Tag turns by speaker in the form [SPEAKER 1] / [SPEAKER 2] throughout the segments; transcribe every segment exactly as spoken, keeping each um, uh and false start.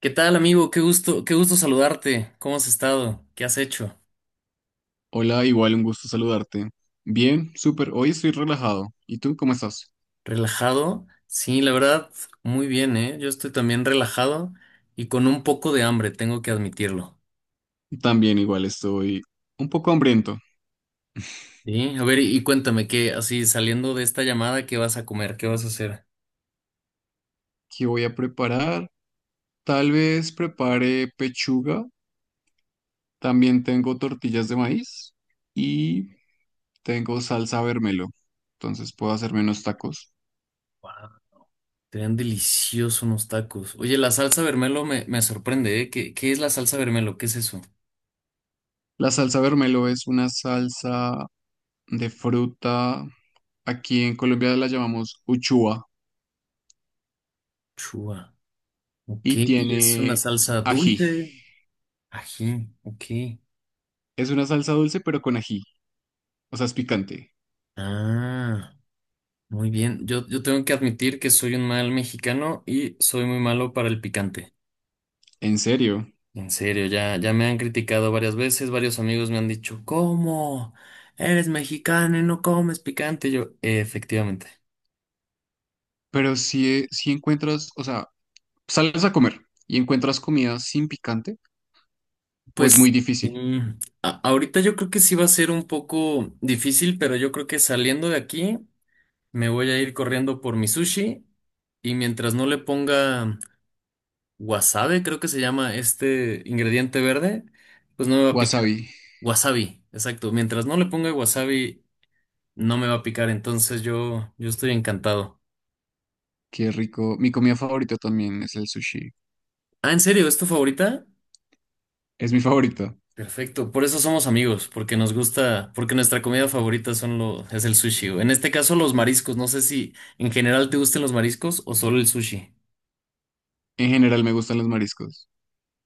[SPEAKER 1] ¿Qué tal, amigo? Qué gusto, qué gusto saludarte. ¿Cómo has estado? ¿Qué has hecho?
[SPEAKER 2] Hola, igual un gusto saludarte. Bien, súper. Hoy estoy relajado. ¿Y tú cómo estás?
[SPEAKER 1] ¿Relajado? Sí, la verdad, muy bien, ¿eh? Yo estoy también relajado y con un poco de hambre, tengo que admitirlo.
[SPEAKER 2] También igual estoy un poco hambriento.
[SPEAKER 1] Sí, a ver, y, y cuéntame qué, así saliendo de esta llamada, ¿qué vas a comer? ¿Qué vas a hacer?
[SPEAKER 2] ¿Qué voy a preparar? Tal vez prepare pechuga. También tengo tortillas de maíz y tengo salsa vermelo. Entonces puedo hacerme unos tacos.
[SPEAKER 1] Wow, te ven deliciosos unos tacos. Oye, la salsa vermelo me, me sorprende, ¿eh? ¿Qué, qué es la salsa vermelo? ¿Qué es eso?
[SPEAKER 2] La salsa vermelo es una salsa de fruta. Aquí en Colombia la llamamos uchua
[SPEAKER 1] Chua.
[SPEAKER 2] y
[SPEAKER 1] ¿Qué? ¿Y es una
[SPEAKER 2] tiene
[SPEAKER 1] salsa
[SPEAKER 2] ají.
[SPEAKER 1] dulce? Ají, ok.
[SPEAKER 2] Es una salsa dulce pero con ají. O sea, es picante.
[SPEAKER 1] Ah. Muy bien, yo, yo tengo que admitir que soy un mal mexicano y soy muy malo para el picante.
[SPEAKER 2] ¿En serio?
[SPEAKER 1] En serio, ya, ya me han criticado varias veces, varios amigos me han dicho, ¿cómo? Eres mexicano y no comes picante. Yo, efectivamente.
[SPEAKER 2] Pero si, eh, si encuentras, o sea, sales a comer y encuentras comida sin picante, o es muy
[SPEAKER 1] Pues
[SPEAKER 2] difícil.
[SPEAKER 1] mm, a- ahorita yo creo que sí va a ser un poco difícil, pero yo creo que saliendo de aquí me voy a ir corriendo por mi sushi y mientras no le ponga wasabi, creo que se llama este ingrediente verde, pues no me va a picar.
[SPEAKER 2] Wasabi,
[SPEAKER 1] Wasabi, exacto. Mientras no le ponga wasabi, no me va a picar, entonces yo, yo estoy encantado.
[SPEAKER 2] qué rico. Mi comida favorita también es el sushi.
[SPEAKER 1] Ah, ¿en serio? ¿Es tu favorita?
[SPEAKER 2] Es mi favorita.
[SPEAKER 1] Perfecto, por eso somos amigos, porque nos gusta, porque nuestra comida favorita son lo, es el sushi. En este caso, los mariscos. No sé si en general te gusten los mariscos o solo el sushi.
[SPEAKER 2] En general me gustan los mariscos.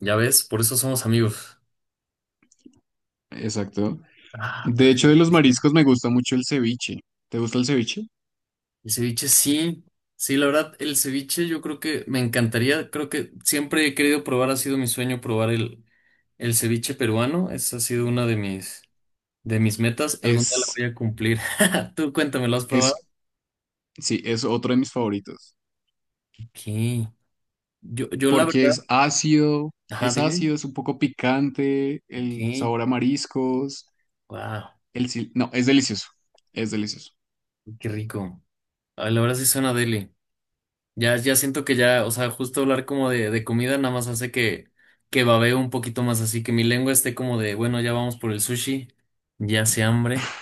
[SPEAKER 1] Ya ves, por eso somos amigos.
[SPEAKER 2] Exacto.
[SPEAKER 1] Ah,
[SPEAKER 2] De hecho, de los
[SPEAKER 1] perfecto.
[SPEAKER 2] mariscos me gusta mucho el ceviche. ¿Te gusta el ceviche?
[SPEAKER 1] El ceviche sí, sí, la verdad, el ceviche yo creo que me encantaría, creo que siempre he querido probar, ha sido mi sueño probar el, el ceviche peruano, esa ha sido una de mis, de mis metas, algún día la
[SPEAKER 2] Es,
[SPEAKER 1] voy a cumplir. Tú cuéntame, ¿lo has probado?
[SPEAKER 2] es, sí, es otro de mis favoritos.
[SPEAKER 1] Ok, yo, yo la
[SPEAKER 2] Porque
[SPEAKER 1] verdad,
[SPEAKER 2] es ácido,
[SPEAKER 1] ajá,
[SPEAKER 2] es
[SPEAKER 1] dime,
[SPEAKER 2] ácido, es un poco picante,
[SPEAKER 1] ok,
[SPEAKER 2] el sabor a mariscos.
[SPEAKER 1] wow,
[SPEAKER 2] El sil- no, es delicioso. Es delicioso.
[SPEAKER 1] qué rico. Ay, la verdad sí suena deli. Ya, ya siento que ya, o sea, justo hablar como de, de comida nada más hace que, que babeo un poquito más, así que mi lengua esté como de, bueno, ya vamos por el sushi, ya hace hambre.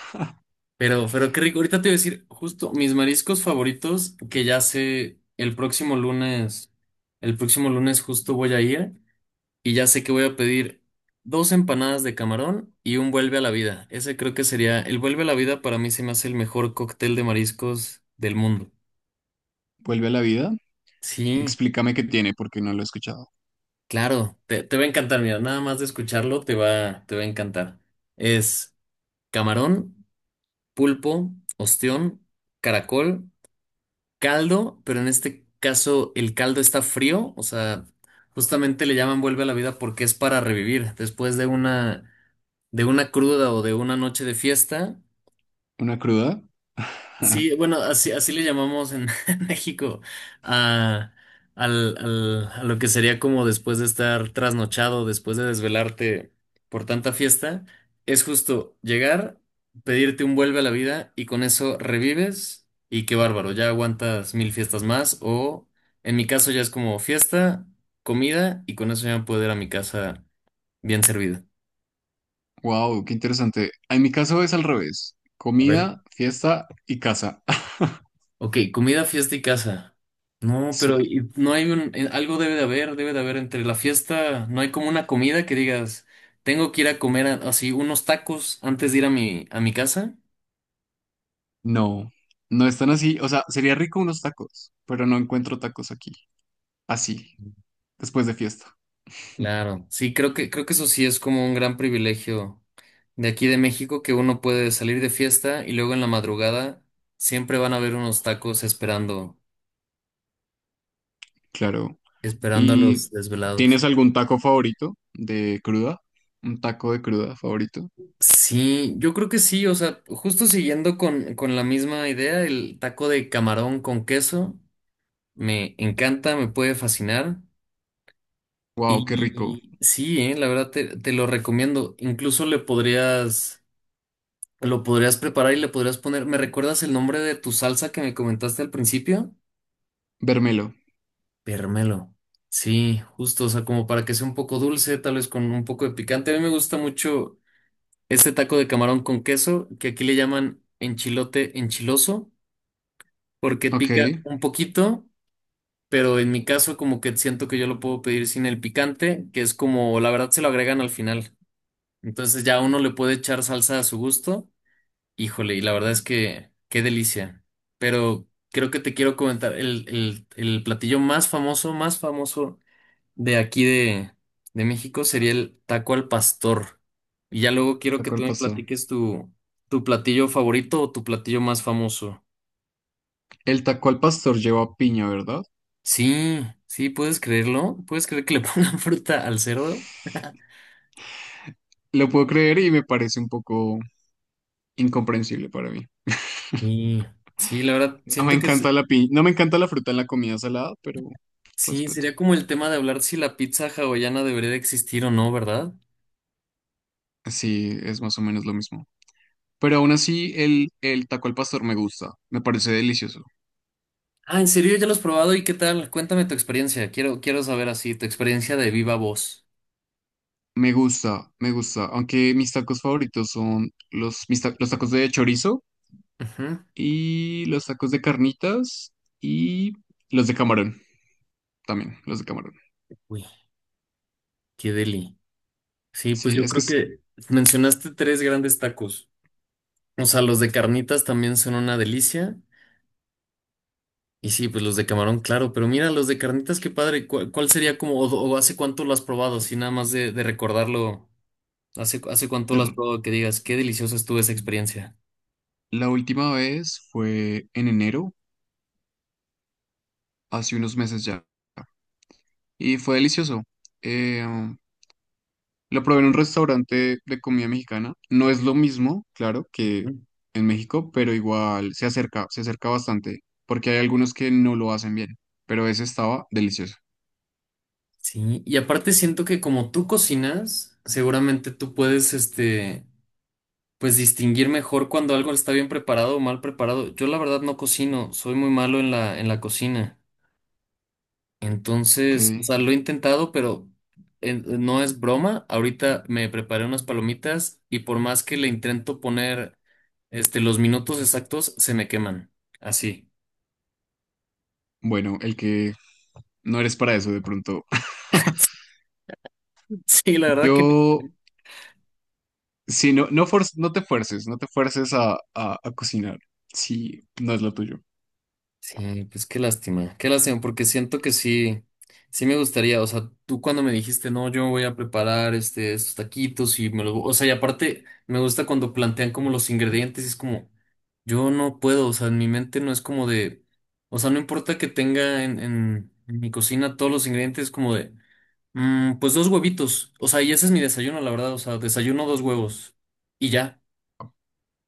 [SPEAKER 1] Pero, pero qué rico, ahorita te voy a decir justo mis mariscos favoritos que ya sé el próximo lunes, el próximo lunes justo voy a ir y ya sé que voy a pedir dos empanadas de camarón y un vuelve a la vida. Ese creo que sería, el vuelve a la vida para mí se me hace el mejor cóctel de mariscos del mundo.
[SPEAKER 2] Vuelve a la vida.
[SPEAKER 1] Sí.
[SPEAKER 2] Explícame qué tiene, porque no lo he escuchado.
[SPEAKER 1] Claro, te, te va a encantar, mira, nada más de escucharlo te va, te va a encantar. Es camarón, pulpo, ostión, caracol, caldo, pero en este caso el caldo está frío, o sea, justamente le llaman vuelve a la vida porque es para revivir. Después de una, de una cruda o de una noche de fiesta.
[SPEAKER 2] ¿Una cruda?
[SPEAKER 1] Sí, bueno, así, así le llamamos en en México a, al, al- a lo que sería como después de estar trasnochado, después de desvelarte por tanta fiesta, es justo llegar, pedirte un vuelve a la vida y con eso revives y qué bárbaro, ya aguantas mil fiestas más o en mi caso ya es como fiesta, comida y con eso ya puedo ir a mi casa bien servida.
[SPEAKER 2] Wow, qué interesante. En mi caso es al revés.
[SPEAKER 1] A ver.
[SPEAKER 2] Comida, fiesta y casa.
[SPEAKER 1] Ok, comida, fiesta y casa. No, pero
[SPEAKER 2] Sí,
[SPEAKER 1] y- no hay un, eh, algo debe de haber, debe de haber entre la fiesta, no hay como una comida que digas, tengo que ir a comer a- así unos tacos antes de ir a mi, a mi casa.
[SPEAKER 2] no, no están así. O sea, sería rico unos tacos, pero no encuentro tacos aquí. Así, después de fiesta.
[SPEAKER 1] Claro, sí, creo que, creo que eso sí es como un gran privilegio de aquí de México, que uno puede salir de fiesta y luego en la madrugada siempre van a haber unos tacos esperando,
[SPEAKER 2] Claro.
[SPEAKER 1] esperando a los
[SPEAKER 2] ¿Y
[SPEAKER 1] desvelados.
[SPEAKER 2] tienes algún taco favorito de cruda? ¿Un taco de cruda favorito?
[SPEAKER 1] Sí, yo creo que sí, o sea, justo siguiendo con, con la misma idea, el taco de camarón con queso me encanta, me puede fascinar.
[SPEAKER 2] Wow, qué rico.
[SPEAKER 1] Y sí, eh, la verdad te, te lo recomiendo. Incluso le podrías, lo podrías preparar y le podrías poner. ¿Me recuerdas el nombre de tu salsa que me comentaste al principio?
[SPEAKER 2] Vermelo.
[SPEAKER 1] Permelo. Sí, justo, o sea, como para que sea un poco dulce, tal vez con un poco de picante. A mí me gusta mucho este taco de camarón con queso, que aquí le llaman enchilote enchiloso, porque
[SPEAKER 2] Ok.
[SPEAKER 1] pica un poquito, pero en mi caso como que siento que yo lo puedo pedir sin el picante, que es como la verdad se lo agregan al final. Entonces ya uno le puede echar salsa a su gusto. Híjole, y la verdad es que qué delicia. Pero creo que te quiero comentar el, el, el platillo más famoso, más famoso de aquí de, de México sería el taco al pastor. Y ya luego quiero que
[SPEAKER 2] Taco
[SPEAKER 1] tú
[SPEAKER 2] al
[SPEAKER 1] me
[SPEAKER 2] pastor.
[SPEAKER 1] platiques tu, tu platillo favorito o tu platillo más famoso.
[SPEAKER 2] El taco al pastor lleva piña, ¿verdad?
[SPEAKER 1] Sí, sí, puedes creerlo. ¿Puedes creer que le pongan fruta al cerdo?
[SPEAKER 2] Lo puedo creer y me parece un poco incomprensible para mí.
[SPEAKER 1] Y sí, la verdad,
[SPEAKER 2] No me
[SPEAKER 1] siento que
[SPEAKER 2] encanta
[SPEAKER 1] se-
[SPEAKER 2] la pi- No me encanta la fruta en la comida salada, pero
[SPEAKER 1] sí,
[SPEAKER 2] respeto.
[SPEAKER 1] sería como el tema de hablar si la pizza hawaiana debería de existir o no, ¿verdad?
[SPEAKER 2] Sí, es más o menos lo mismo. Pero aún así, el, el taco al pastor me gusta. Me parece delicioso.
[SPEAKER 1] Ah, ¿en serio ya lo has probado? ¿Y qué tal? Cuéntame tu experiencia. Quiero, quiero saber así, tu experiencia de viva voz.
[SPEAKER 2] Me gusta, me gusta. Aunque mis tacos favoritos son los, mis ta- los tacos de chorizo
[SPEAKER 1] Ujú.
[SPEAKER 2] y los tacos de carnitas y los de camarón también, los de camarón.
[SPEAKER 1] Uy, qué deli. Sí, pues
[SPEAKER 2] Sí,
[SPEAKER 1] yo
[SPEAKER 2] es que
[SPEAKER 1] creo
[SPEAKER 2] es...
[SPEAKER 1] que mencionaste tres grandes tacos. O sea, los de carnitas también son una delicia. Y sí, pues los de camarón, claro, pero mira, los de carnitas, qué padre. ¿Cuál, cuál sería como, o, o hace cuánto lo has probado? Así nada más de, de recordarlo, hace, hace cuánto lo has probado que digas, qué deliciosa estuvo esa experiencia.
[SPEAKER 2] La última vez fue en enero, hace unos meses ya, y fue delicioso. Eh, um, lo probé en un restaurante de comida mexicana. No es lo mismo, claro, que
[SPEAKER 1] Ujú.
[SPEAKER 2] en México, pero igual se acerca, se acerca bastante, porque hay algunos que no lo hacen bien, pero ese estaba delicioso.
[SPEAKER 1] Sí, y aparte siento que como tú cocinas, seguramente tú puedes, este, pues distinguir mejor cuando algo está bien preparado o mal preparado. Yo la verdad no cocino, soy muy malo en la, en la cocina.
[SPEAKER 2] Ok,
[SPEAKER 1] Entonces, o sea, lo he intentado, pero eh, no es broma. Ahorita me preparé unas palomitas y por más que le intento poner este, los minutos exactos, se me queman. Así.
[SPEAKER 2] bueno, el que no eres para eso de pronto.
[SPEAKER 1] Sí, la verdad que
[SPEAKER 2] Yo, si no, no, fuer- no te fuerces, no te fuerces a, a, a cocinar, si no es lo tuyo.
[SPEAKER 1] sí, pues qué lástima, qué lástima, porque siento que sí, sí me gustaría, o sea, tú cuando me dijiste, no, yo voy a preparar este, estos taquitos y me los, o sea, y aparte me gusta cuando plantean como los ingredientes, y es como, yo no puedo, o sea, en mi mente no es como de, o sea, no importa que tenga en, en, en mi cocina todos los ingredientes, como de, mm, pues dos huevitos, o sea, y ese es mi desayuno, la verdad, o sea, desayuno dos huevos y ya.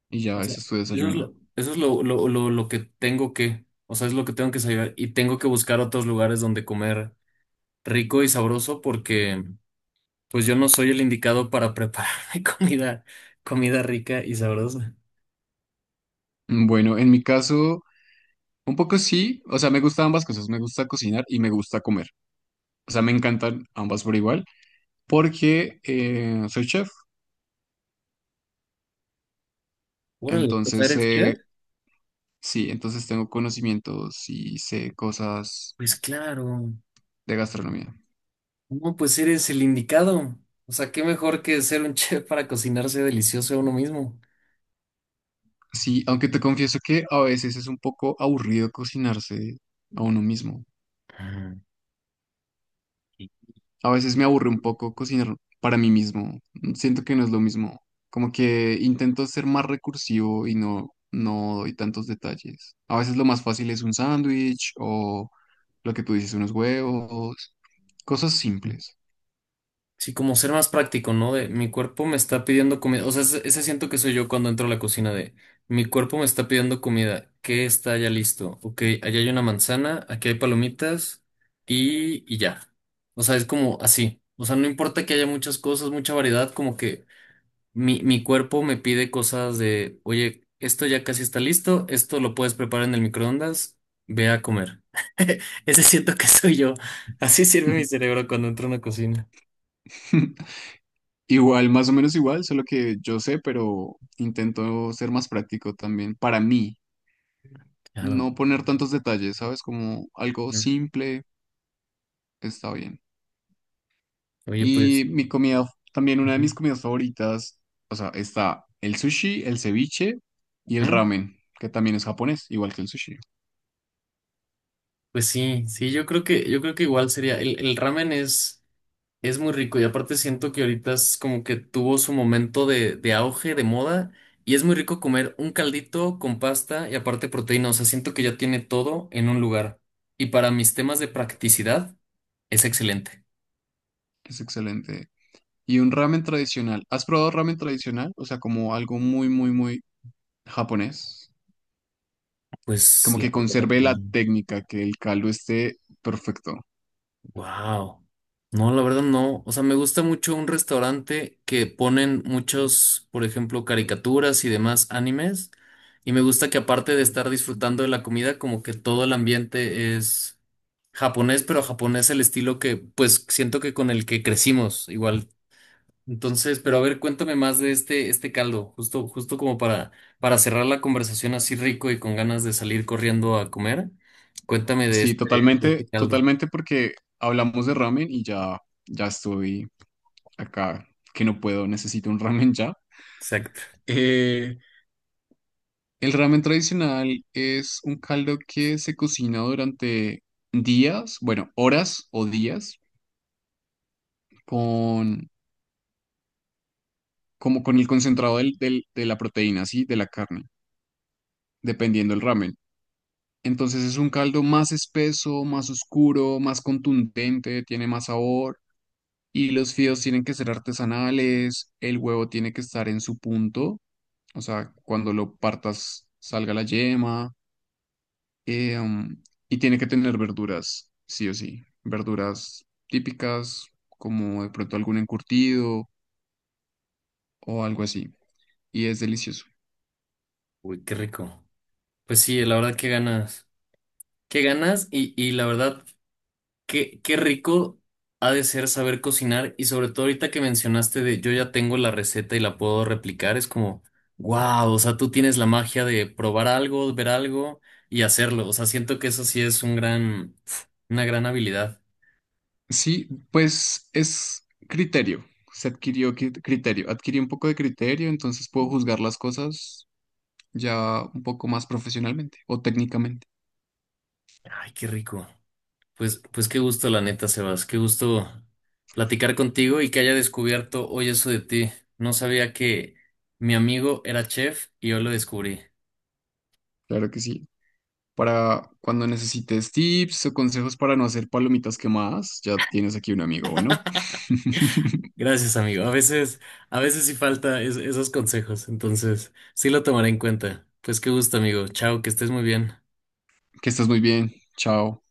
[SPEAKER 2] Y
[SPEAKER 1] O
[SPEAKER 2] ya
[SPEAKER 1] sea,
[SPEAKER 2] ese es tu
[SPEAKER 1] eso es
[SPEAKER 2] desayuno.
[SPEAKER 1] lo, eso es lo, lo, lo, lo que tengo que, o sea, es lo que tengo que saber y tengo que buscar otros lugares donde comer rico y sabroso porque pues yo no soy el indicado para prepararme comida, comida rica y sabrosa.
[SPEAKER 2] Mm, Bueno, en mi caso, un poco sí, o sea, me gustan ambas cosas, me gusta cocinar y me gusta comer. O sea, me encantan ambas por igual, porque eh, soy chef,
[SPEAKER 1] Órale, o sea,
[SPEAKER 2] entonces
[SPEAKER 1] ¿eres
[SPEAKER 2] eh,
[SPEAKER 1] chef?
[SPEAKER 2] sí, entonces tengo conocimientos y sé cosas
[SPEAKER 1] Pues claro,
[SPEAKER 2] de gastronomía.
[SPEAKER 1] no, pues eres el indicado. O sea, qué mejor que ser un chef para cocinarse delicioso a uno mismo.
[SPEAKER 2] Sí, aunque te confieso que a veces es un poco aburrido cocinarse a uno mismo.
[SPEAKER 1] Ah, qué
[SPEAKER 2] A veces me aburre un poco cocinar para mí mismo. Siento que no es lo mismo. Como que intento ser más recursivo y no, no doy tantos detalles. A veces lo más fácil es un sándwich o lo que tú dices, unos huevos, cosas simples.
[SPEAKER 1] sí, como ser más práctico, ¿no? De mi cuerpo me está pidiendo comida. O sea, ese, ese siento que soy yo cuando entro a la cocina de mi cuerpo me está pidiendo comida. ¿Qué está ya listo? Ok, allá hay una manzana, aquí hay palomitas y, y ya. O sea, es como así. O sea, no importa que haya muchas cosas, mucha variedad, como que mi, mi cuerpo me pide cosas de, oye, esto ya casi está listo, esto lo puedes preparar en el microondas, ve a comer. Ese siento que soy yo. Así sirve mi cerebro cuando entro a una cocina.
[SPEAKER 2] Igual, más o menos igual, solo que yo sé, pero intento ser más práctico también. Para mí,
[SPEAKER 1] Claro.
[SPEAKER 2] no poner tantos detalles, ¿sabes? Como algo
[SPEAKER 1] Mm.
[SPEAKER 2] simple está bien.
[SPEAKER 1] Oye, pues,
[SPEAKER 2] Y mi comida, también una de
[SPEAKER 1] ujú,
[SPEAKER 2] mis comidas favoritas, o sea, está el sushi, el ceviche y el
[SPEAKER 1] ujú.
[SPEAKER 2] ramen, que también es japonés, igual que el sushi,
[SPEAKER 1] Pues sí, sí, yo creo que, yo creo que igual sería, el, el ramen es, es muy rico y aparte siento que ahorita es como que tuvo su momento de, de auge, de moda, y es muy rico comer un caldito con pasta y aparte proteína, o sea, siento que ya tiene todo en un lugar. Y para mis temas de practicidad, es excelente.
[SPEAKER 2] es excelente. Y un ramen tradicional. ¿Has probado ramen tradicional? O sea, como algo muy, muy, muy japonés.
[SPEAKER 1] Pues
[SPEAKER 2] Como
[SPEAKER 1] la
[SPEAKER 2] que
[SPEAKER 1] verdad.
[SPEAKER 2] conserve la técnica, que el caldo esté perfecto.
[SPEAKER 1] Wow. No, la verdad no. O sea, me gusta mucho un restaurante que ponen muchos, por ejemplo, caricaturas y demás animes. Y me gusta que aparte de estar disfrutando de la comida, como que todo el ambiente es japonés, pero japonés el estilo que, pues, siento que con el que crecimos igual. Entonces, pero a ver, cuéntame más de este, este caldo, justo, justo como para, para cerrar la conversación así rico y con ganas de salir corriendo a comer. Cuéntame de
[SPEAKER 2] Sí,
[SPEAKER 1] este, de
[SPEAKER 2] totalmente,
[SPEAKER 1] este caldo.
[SPEAKER 2] totalmente porque hablamos de ramen y ya, ya estoy acá, que no puedo, necesito un ramen ya.
[SPEAKER 1] Exacto.
[SPEAKER 2] Eh, El ramen tradicional es un caldo que se cocina durante días, bueno, horas o días, con, como con el concentrado del- del- de la proteína, ¿sí? De la carne, dependiendo del ramen. Entonces es un caldo más espeso, más oscuro, más contundente, tiene más sabor y los fideos tienen que ser artesanales, el huevo tiene que estar en su punto, o sea, cuando lo partas salga la yema. Eh, um, y tiene que tener verduras, sí o sí. Verduras típicas, como de pronto algún encurtido o algo así. Y es delicioso.
[SPEAKER 1] Uy, qué rico. Pues sí, la verdad, qué ganas. Qué ganas y, y la verdad, qué, qué rico ha de ser saber cocinar y sobre todo ahorita que mencionaste de yo ya tengo la receta y la puedo replicar, es como, wow, o sea, tú tienes la magia de probar algo, ver algo y hacerlo. O sea, siento que eso sí es un gran, una gran habilidad.
[SPEAKER 2] Sí, pues es criterio. Se adquirió cri- criterio. Adquirí un poco de criterio, entonces puedo juzgar las cosas ya un poco más profesionalmente o técnicamente.
[SPEAKER 1] Ay, qué rico. Pues, pues qué gusto, la neta, Sebas, qué gusto platicar contigo y que haya descubierto hoy eso de ti. No sabía que mi amigo era chef y yo lo descubrí.
[SPEAKER 2] Claro que sí. Para cuando necesites tips o consejos para no hacer palomitas quemadas, ya tienes aquí un amigo. Bueno,
[SPEAKER 1] Gracias, amigo. A veces, a veces sí falta es- esos consejos, entonces sí lo tomaré en cuenta. Pues qué gusto, amigo. Chao, que estés muy bien.
[SPEAKER 2] que estás muy bien. Chao.